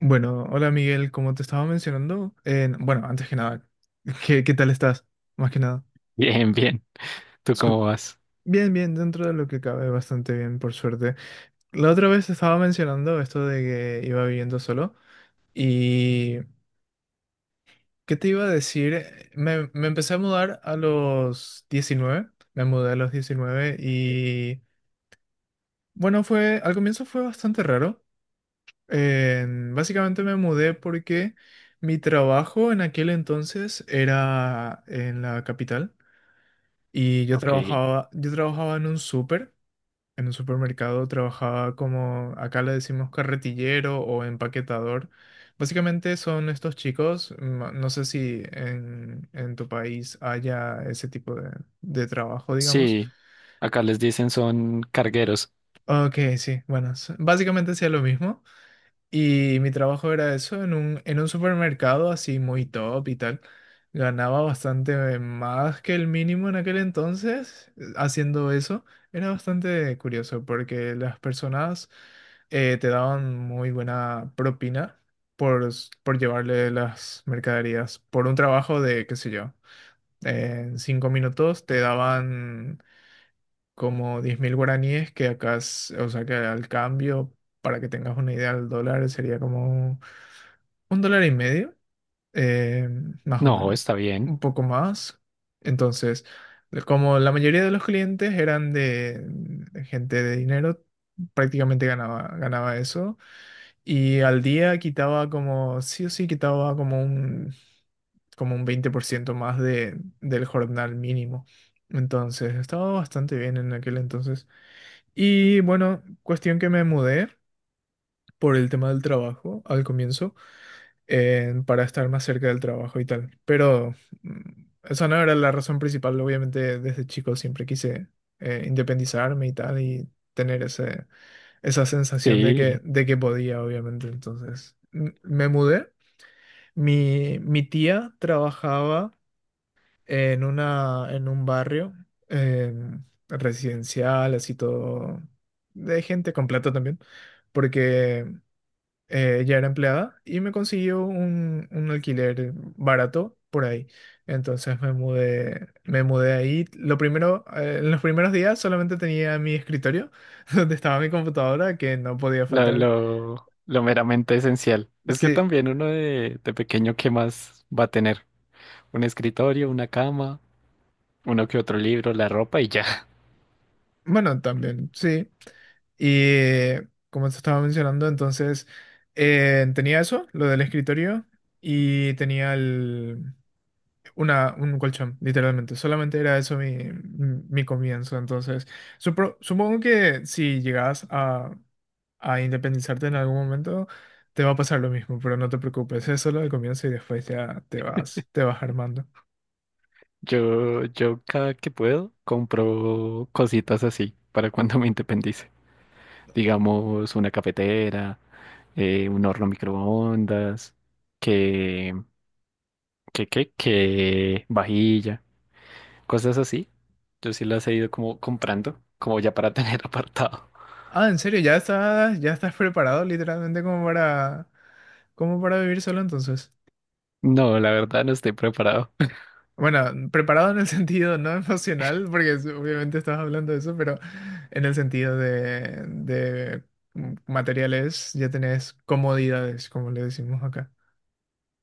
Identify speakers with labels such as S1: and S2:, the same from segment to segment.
S1: Bueno, hola Miguel, como te estaba mencionando, bueno, antes que nada, ¿qué tal estás? Más que nada.
S2: Bien, bien. ¿Tú
S1: Su-
S2: cómo vas?
S1: bien, bien, dentro de lo que cabe, bastante bien, por suerte. La otra vez estaba mencionando esto de que iba viviendo solo y ¿qué te iba a decir? Me empecé a mudar a los 19. Me mudé a los 19 y bueno, al comienzo fue bastante raro. Básicamente me mudé porque mi trabajo en aquel entonces era en la capital y yo
S2: Ok.
S1: trabajaba, yo trabajaba en un supermercado, trabajaba como acá le decimos carretillero o empaquetador. Básicamente son estos chicos, no sé si en tu país haya ese tipo de trabajo, digamos.
S2: Sí, acá les dicen son cargueros.
S1: Ok, sí, bueno, básicamente hacía lo mismo. Y mi trabajo era eso, en un supermercado así muy top y tal. Ganaba bastante más que el mínimo en aquel entonces, haciendo eso. Era bastante curioso porque las personas, te daban muy buena propina por llevarle las mercaderías. Por un trabajo de, qué sé yo, en 5 minutos te daban como 10.000 guaraníes, que acá, o sea que al cambio, para que tengas una idea, el dólar sería como un dólar y medio, eh, más o
S2: No,
S1: menos,
S2: está bien.
S1: un poco más. Entonces, como la mayoría de los clientes eran de gente de dinero, prácticamente ganaba eso. Y al día quitaba como, sí o sí, quitaba como un 20% más del jornal mínimo. Entonces, estaba bastante bien en aquel entonces. Y bueno, cuestión que me mudé por el tema del trabajo al comienzo, para estar más cerca del trabajo y tal. Pero esa no era la razón principal. Obviamente desde chico siempre quise, independizarme y tal y tener esa sensación de que,
S2: Sí,
S1: de que podía, obviamente. Entonces me mudé. Mi tía trabajaba en un barrio, em, residencial, así todo, de gente con plata también. Porque ella era empleada y me consiguió un alquiler barato por ahí. Entonces me mudé ahí. Lo primero, en los primeros días solamente tenía mi escritorio, donde estaba mi computadora, que no podía
S2: lo,
S1: faltar.
S2: lo, lo meramente esencial. Es que
S1: Sí,
S2: también uno de pequeño, ¿qué más va a tener? Un escritorio, una cama, uno que otro libro, la ropa y ya.
S1: bueno, también, sí. Y como te estaba mencionando, entonces, tenía eso, lo del escritorio, y un colchón, literalmente. Solamente era eso mi comienzo. Entonces, supongo que si llegas a independizarte en algún momento, te va a pasar lo mismo, pero no te preocupes, es solo el comienzo y después ya te vas armando.
S2: Yo cada que puedo compro cositas así para cuando me independice. Digamos, una cafetera, un horno microondas, que que vajilla, cosas así. Yo sí las he ido como comprando, como ya para tener apartado.
S1: Ah, ¿en serio? ¿Ya estás preparado literalmente como para vivir solo entonces?
S2: No, la verdad no estoy preparado.
S1: Bueno, preparado en el sentido no emocional, porque obviamente estás hablando de eso, pero en el sentido de materiales ya tenés comodidades, como le decimos acá.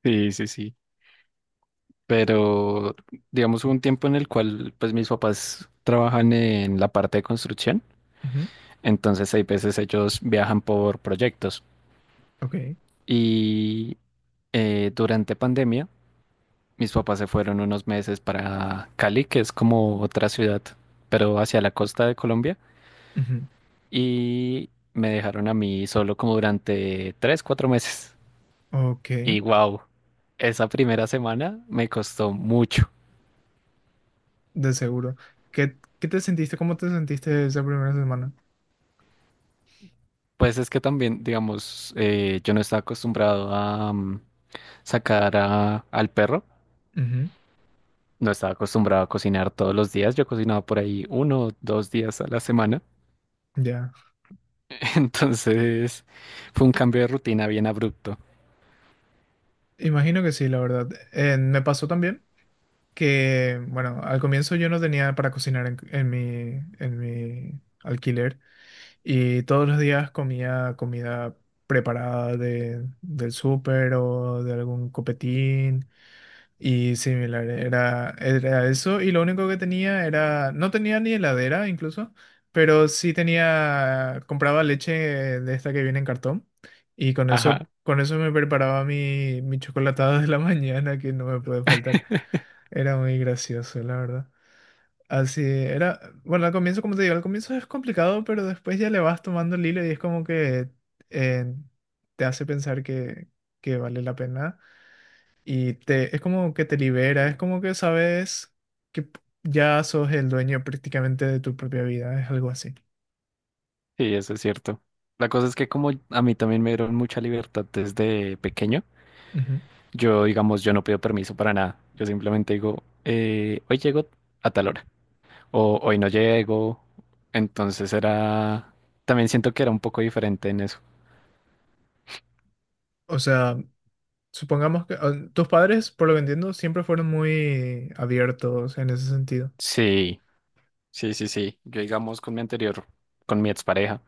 S2: Sí, sí, sí. Pero digamos hubo un tiempo en el cual pues mis papás trabajan en la parte de construcción,
S1: Ujú.
S2: entonces hay veces ellos viajan por proyectos
S1: Ok.
S2: y durante pandemia mis papás se fueron unos meses para Cali, que es como otra ciudad, pero hacia la costa de Colombia,
S1: Ujú.
S2: y me dejaron a mí solo como durante tres, cuatro meses.
S1: Ok.
S2: Y wow, esa primera semana me costó mucho.
S1: De seguro. ¿Qué te sentiste? ¿Cómo te sentiste esa primera semana?
S2: Pues es que también, digamos, yo no estaba acostumbrado a sacar al perro,
S1: Ujú.
S2: no estaba acostumbrado a cocinar todos los días, yo cocinaba por ahí uno o dos días a la semana.
S1: Ya,
S2: Entonces fue un cambio de rutina bien abrupto.
S1: imagino que sí, la verdad. Me pasó también que, bueno, al comienzo yo no tenía para cocinar en mi alquiler. Y todos los días comía comida preparada del súper o de algún copetín y similar. Era eso y lo único que tenía no tenía ni heladera incluso, pero sí tenía, compraba leche de esta que viene en cartón y con eso,
S2: Ajá.
S1: con eso me preparaba mi chocolatada de la mañana que no me puede faltar. Era muy gracioso, la verdad. Así era, bueno, al comienzo, como te digo, al comienzo es complicado, pero después ya le vas tomando el hilo y es como que, eh, te hace pensar que vale la pena y es como que te libera, es como que sabes que ya sos el dueño prácticamente de tu propia vida, es algo así.
S2: Sí, eso es cierto. La cosa es que como a mí también me dieron mucha libertad desde pequeño,
S1: Ujú.
S2: yo, digamos, yo no pido permiso para nada. Yo simplemente digo, hoy llego a tal hora o hoy no llego. Entonces era, también siento que era un poco diferente en eso.
S1: O sea, supongamos que, tus padres, por lo que entiendo, siempre fueron muy abiertos en ese sentido.
S2: Sí, sí, sí, sí. Yo, digamos, con mi expareja,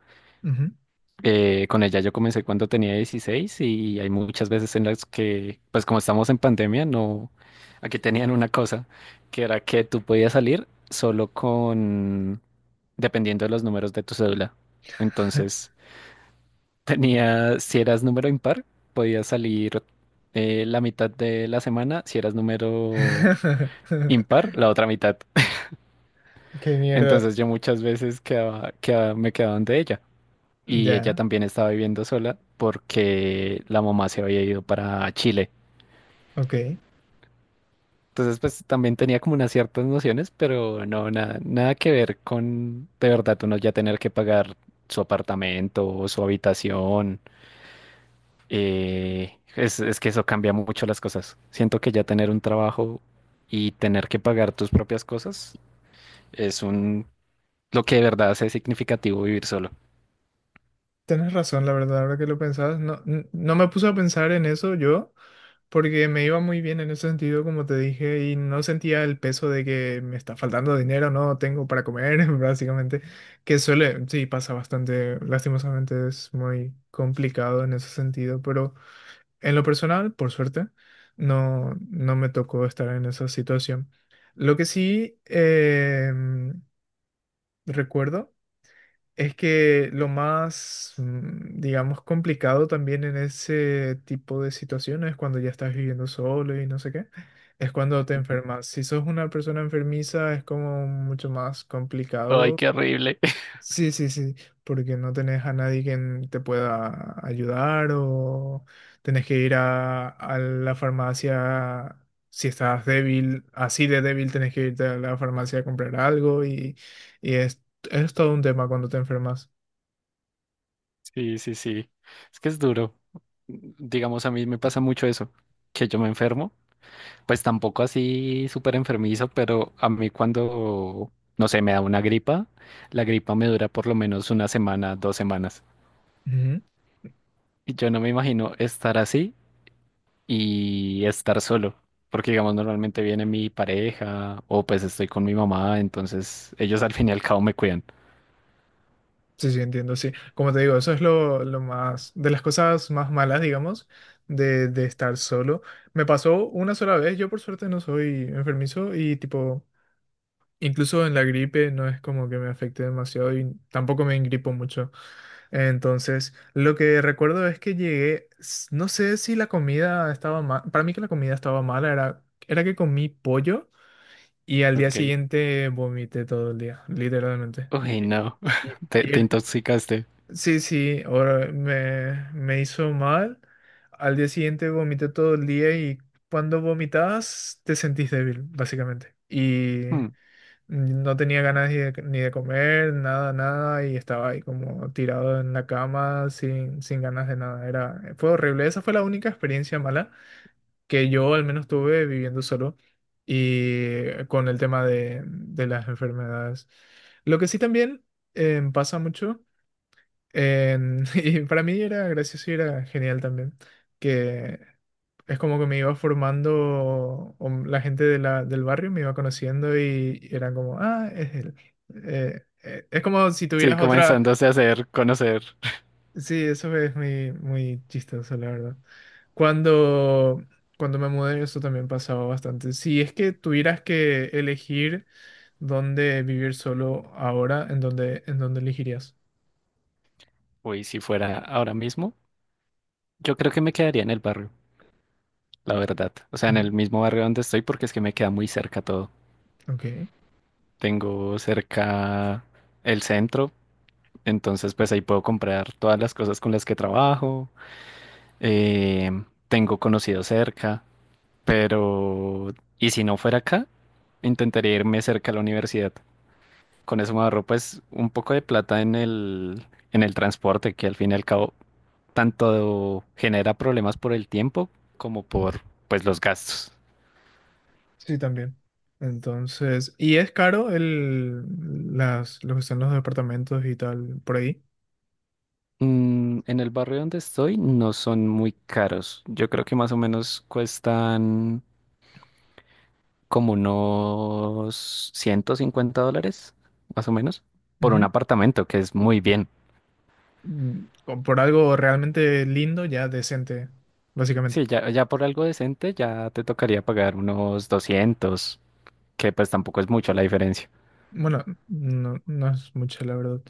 S1: Ujú.
S2: con ella yo comencé cuando tenía 16, y hay muchas veces en las que, pues como estamos en pandemia, no, aquí tenían una cosa, que era que tú podías salir solo con, dependiendo de los números de tu cédula. Entonces, tenía, si eras número impar, podías salir la mitad de la semana. Si eras número impar, la otra mitad.
S1: Qué mierda.
S2: Entonces yo muchas veces quedaba, me quedaba donde ella. Y ella
S1: Ya,
S2: también estaba viviendo sola porque la mamá se había ido para Chile.
S1: ok.
S2: Entonces pues también tenía como unas ciertas nociones, pero no, nada, nada que ver con de verdad uno ya tener que pagar su apartamento o su habitación. Es que eso cambia mucho las cosas. Siento que ya tener un trabajo y tener que pagar tus propias cosas es un lo que de verdad hace significativo vivir solo.
S1: Tienes razón, la verdad, ahora que lo pensabas, no me puse a pensar en eso yo, porque me iba muy bien en ese sentido, como te dije, y no sentía el peso de que me está faltando dinero, no tengo para comer, básicamente, que suele, sí, pasa bastante, lastimosamente es muy complicado en ese sentido, pero en lo personal, por suerte, no me tocó estar en esa situación. Lo que sí, recuerdo es que lo más, digamos, complicado también en ese tipo de situaciones, cuando ya estás viviendo solo y no sé qué, es cuando te enfermas. Si sos una persona enfermiza, es como mucho más
S2: Ay,
S1: complicado.
S2: qué horrible.
S1: Sí, sí, sí, porque no tenés a nadie quien te pueda ayudar o tenés que ir a la farmacia. Si estás débil, así de débil, tenés que irte a la farmacia a comprar algo y es todo un tema cuando te enfermas.
S2: Sí, sí, sí. Es que es duro. Digamos, a mí me pasa mucho eso, que yo me enfermo. Pues tampoco así súper enfermizo, pero a mí cuando, no sé, me da una gripa, la gripa me dura por lo menos una semana, 2 semanas.
S1: Ujú.
S2: Y yo no me imagino estar así y estar solo, porque digamos normalmente viene mi pareja o pues estoy con mi mamá, entonces ellos al fin y al cabo me cuidan.
S1: Sí, sí, entiendo, sí. Como te digo, eso es lo más, de las cosas más malas, digamos, de estar solo. Me pasó una sola vez, yo por suerte no soy enfermizo y tipo, incluso en la gripe no es como que me afecte demasiado y tampoco me engripo mucho. Entonces, lo que recuerdo es que llegué, no sé si la comida estaba mal, para mí que la comida estaba mala, era que comí pollo y al día
S2: Ok.
S1: siguiente vomité todo el día, literalmente.
S2: Uy, no,
S1: Y-
S2: te
S1: y
S2: intoxicaste.
S1: Sí, sí, ahora me hizo mal. Al día siguiente vomité todo el día y cuando vomitas te sentís débil, básicamente. Y
S2: Hmm.
S1: no tenía ganas ni de comer, nada, nada, y estaba ahí como tirado en la cama sin ganas de nada. Fue horrible. Esa fue la única experiencia mala que yo al menos tuve viviendo solo y con el tema de las enfermedades. Lo que sí también, pasa mucho, y para mí era gracioso y era genial también, que es como que me iba formando, o la gente del barrio me iba conociendo y eran como, ah, es él. Es como si
S2: Sí,
S1: tuvieras otra...
S2: comenzándose a hacer, conocer.
S1: Sí, eso es muy, muy chistoso, la verdad. Cuando, cuando me mudé, eso también pasaba bastante. Si es que tuvieras que elegir dónde vivir solo ahora, ¿en dónde elegirías?
S2: Uy, si fuera ahora mismo, yo creo que me quedaría en el barrio, la verdad. O sea,
S1: Ujú.
S2: en el mismo barrio donde estoy porque es que me queda muy cerca todo.
S1: Ok.
S2: Tengo cerca el centro, entonces pues ahí puedo comprar todas las cosas con las que trabajo. Tengo conocidos cerca, pero... ¿Y si no fuera acá? Intentaría irme cerca a la universidad. Con eso me ahorro pues un poco de plata en el transporte, que al fin y al cabo tanto genera problemas por el tiempo como por pues los gastos.
S1: Sí, también. Entonces, y es caro lo que son los departamentos y tal por ahí.
S2: En el barrio donde estoy no son muy caros. Yo creo que más o menos cuestan como unos $150, más o menos, por un
S1: Ujú.
S2: apartamento, que es muy bien.
S1: O por algo realmente lindo, ya decente, básicamente.
S2: Sí, ya, ya por algo decente ya te tocaría pagar unos 200, que pues tampoco es mucho la diferencia.
S1: Bueno, no, no es mucho, la verdad.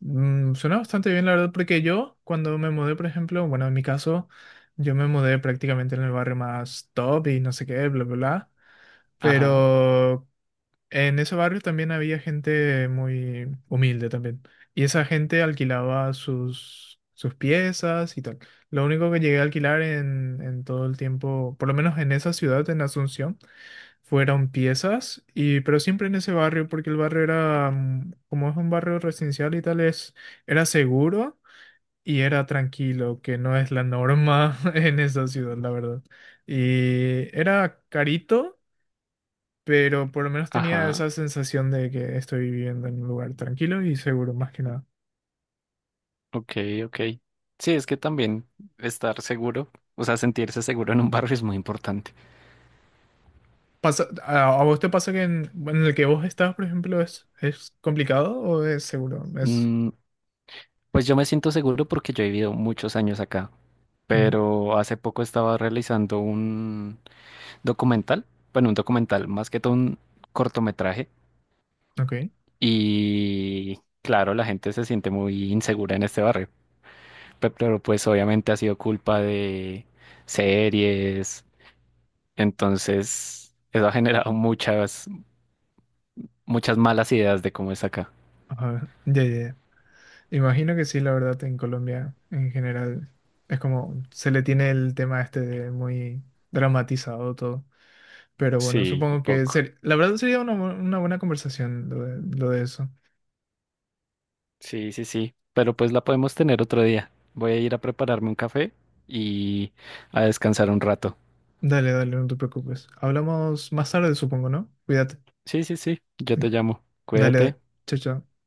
S1: Suena bastante bien, la verdad, porque yo cuando me mudé, por ejemplo, bueno, en mi caso, yo me mudé prácticamente en el barrio más top y no sé qué, bla, bla, bla.
S2: Ajá,
S1: Pero en ese barrio también había gente muy humilde también. Y esa gente alquilaba sus piezas y tal. Lo único que llegué a alquilar en todo el tiempo, por lo menos en esa ciudad, en Asunción, fueron piezas, pero siempre en ese barrio, porque el barrio era, como es un barrio residencial y tal, era seguro y era tranquilo, que no es la norma en esa ciudad, la verdad. Y era carito, pero por lo menos tenía
S2: ajá,
S1: esa sensación de que estoy viviendo en un lugar tranquilo y seguro, más que nada.
S2: ok, ok. Sí, es que también estar seguro, o sea, sentirse seguro en un barrio es muy importante.
S1: Pasa, ¿a vos te pasa que bueno, en el que vos estás, por ejemplo, es complicado o es seguro? Es...
S2: Mm, pues yo me siento seguro porque yo he vivido muchos años acá,
S1: mm,
S2: pero hace poco estaba realizando un documental, bueno, un documental, más que todo un cortometraje,
S1: ok,
S2: y claro, la gente se siente muy insegura en este barrio. Pero pues obviamente ha sido culpa de series, entonces eso ha generado muchas, muchas malas ideas de cómo es acá.
S1: ajá, ya, ya, ya. Imagino que sí, la verdad, en Colombia en general es como se le tiene el tema este de muy dramatizado todo. Pero bueno,
S2: Sí, un
S1: supongo que
S2: poco.
S1: la verdad sería una buena conversación lo de eso.
S2: Sí, sí, sí, pero pues la podemos tener otro día. Voy a ir a prepararme un café y a descansar un rato.
S1: Dale, dale, no te preocupes. Hablamos más tarde, supongo, ¿no? Cuídate.
S2: Sí, sí, sí, yo te llamo.
S1: Dale,
S2: Cuídate.
S1: dale. Chao, chao.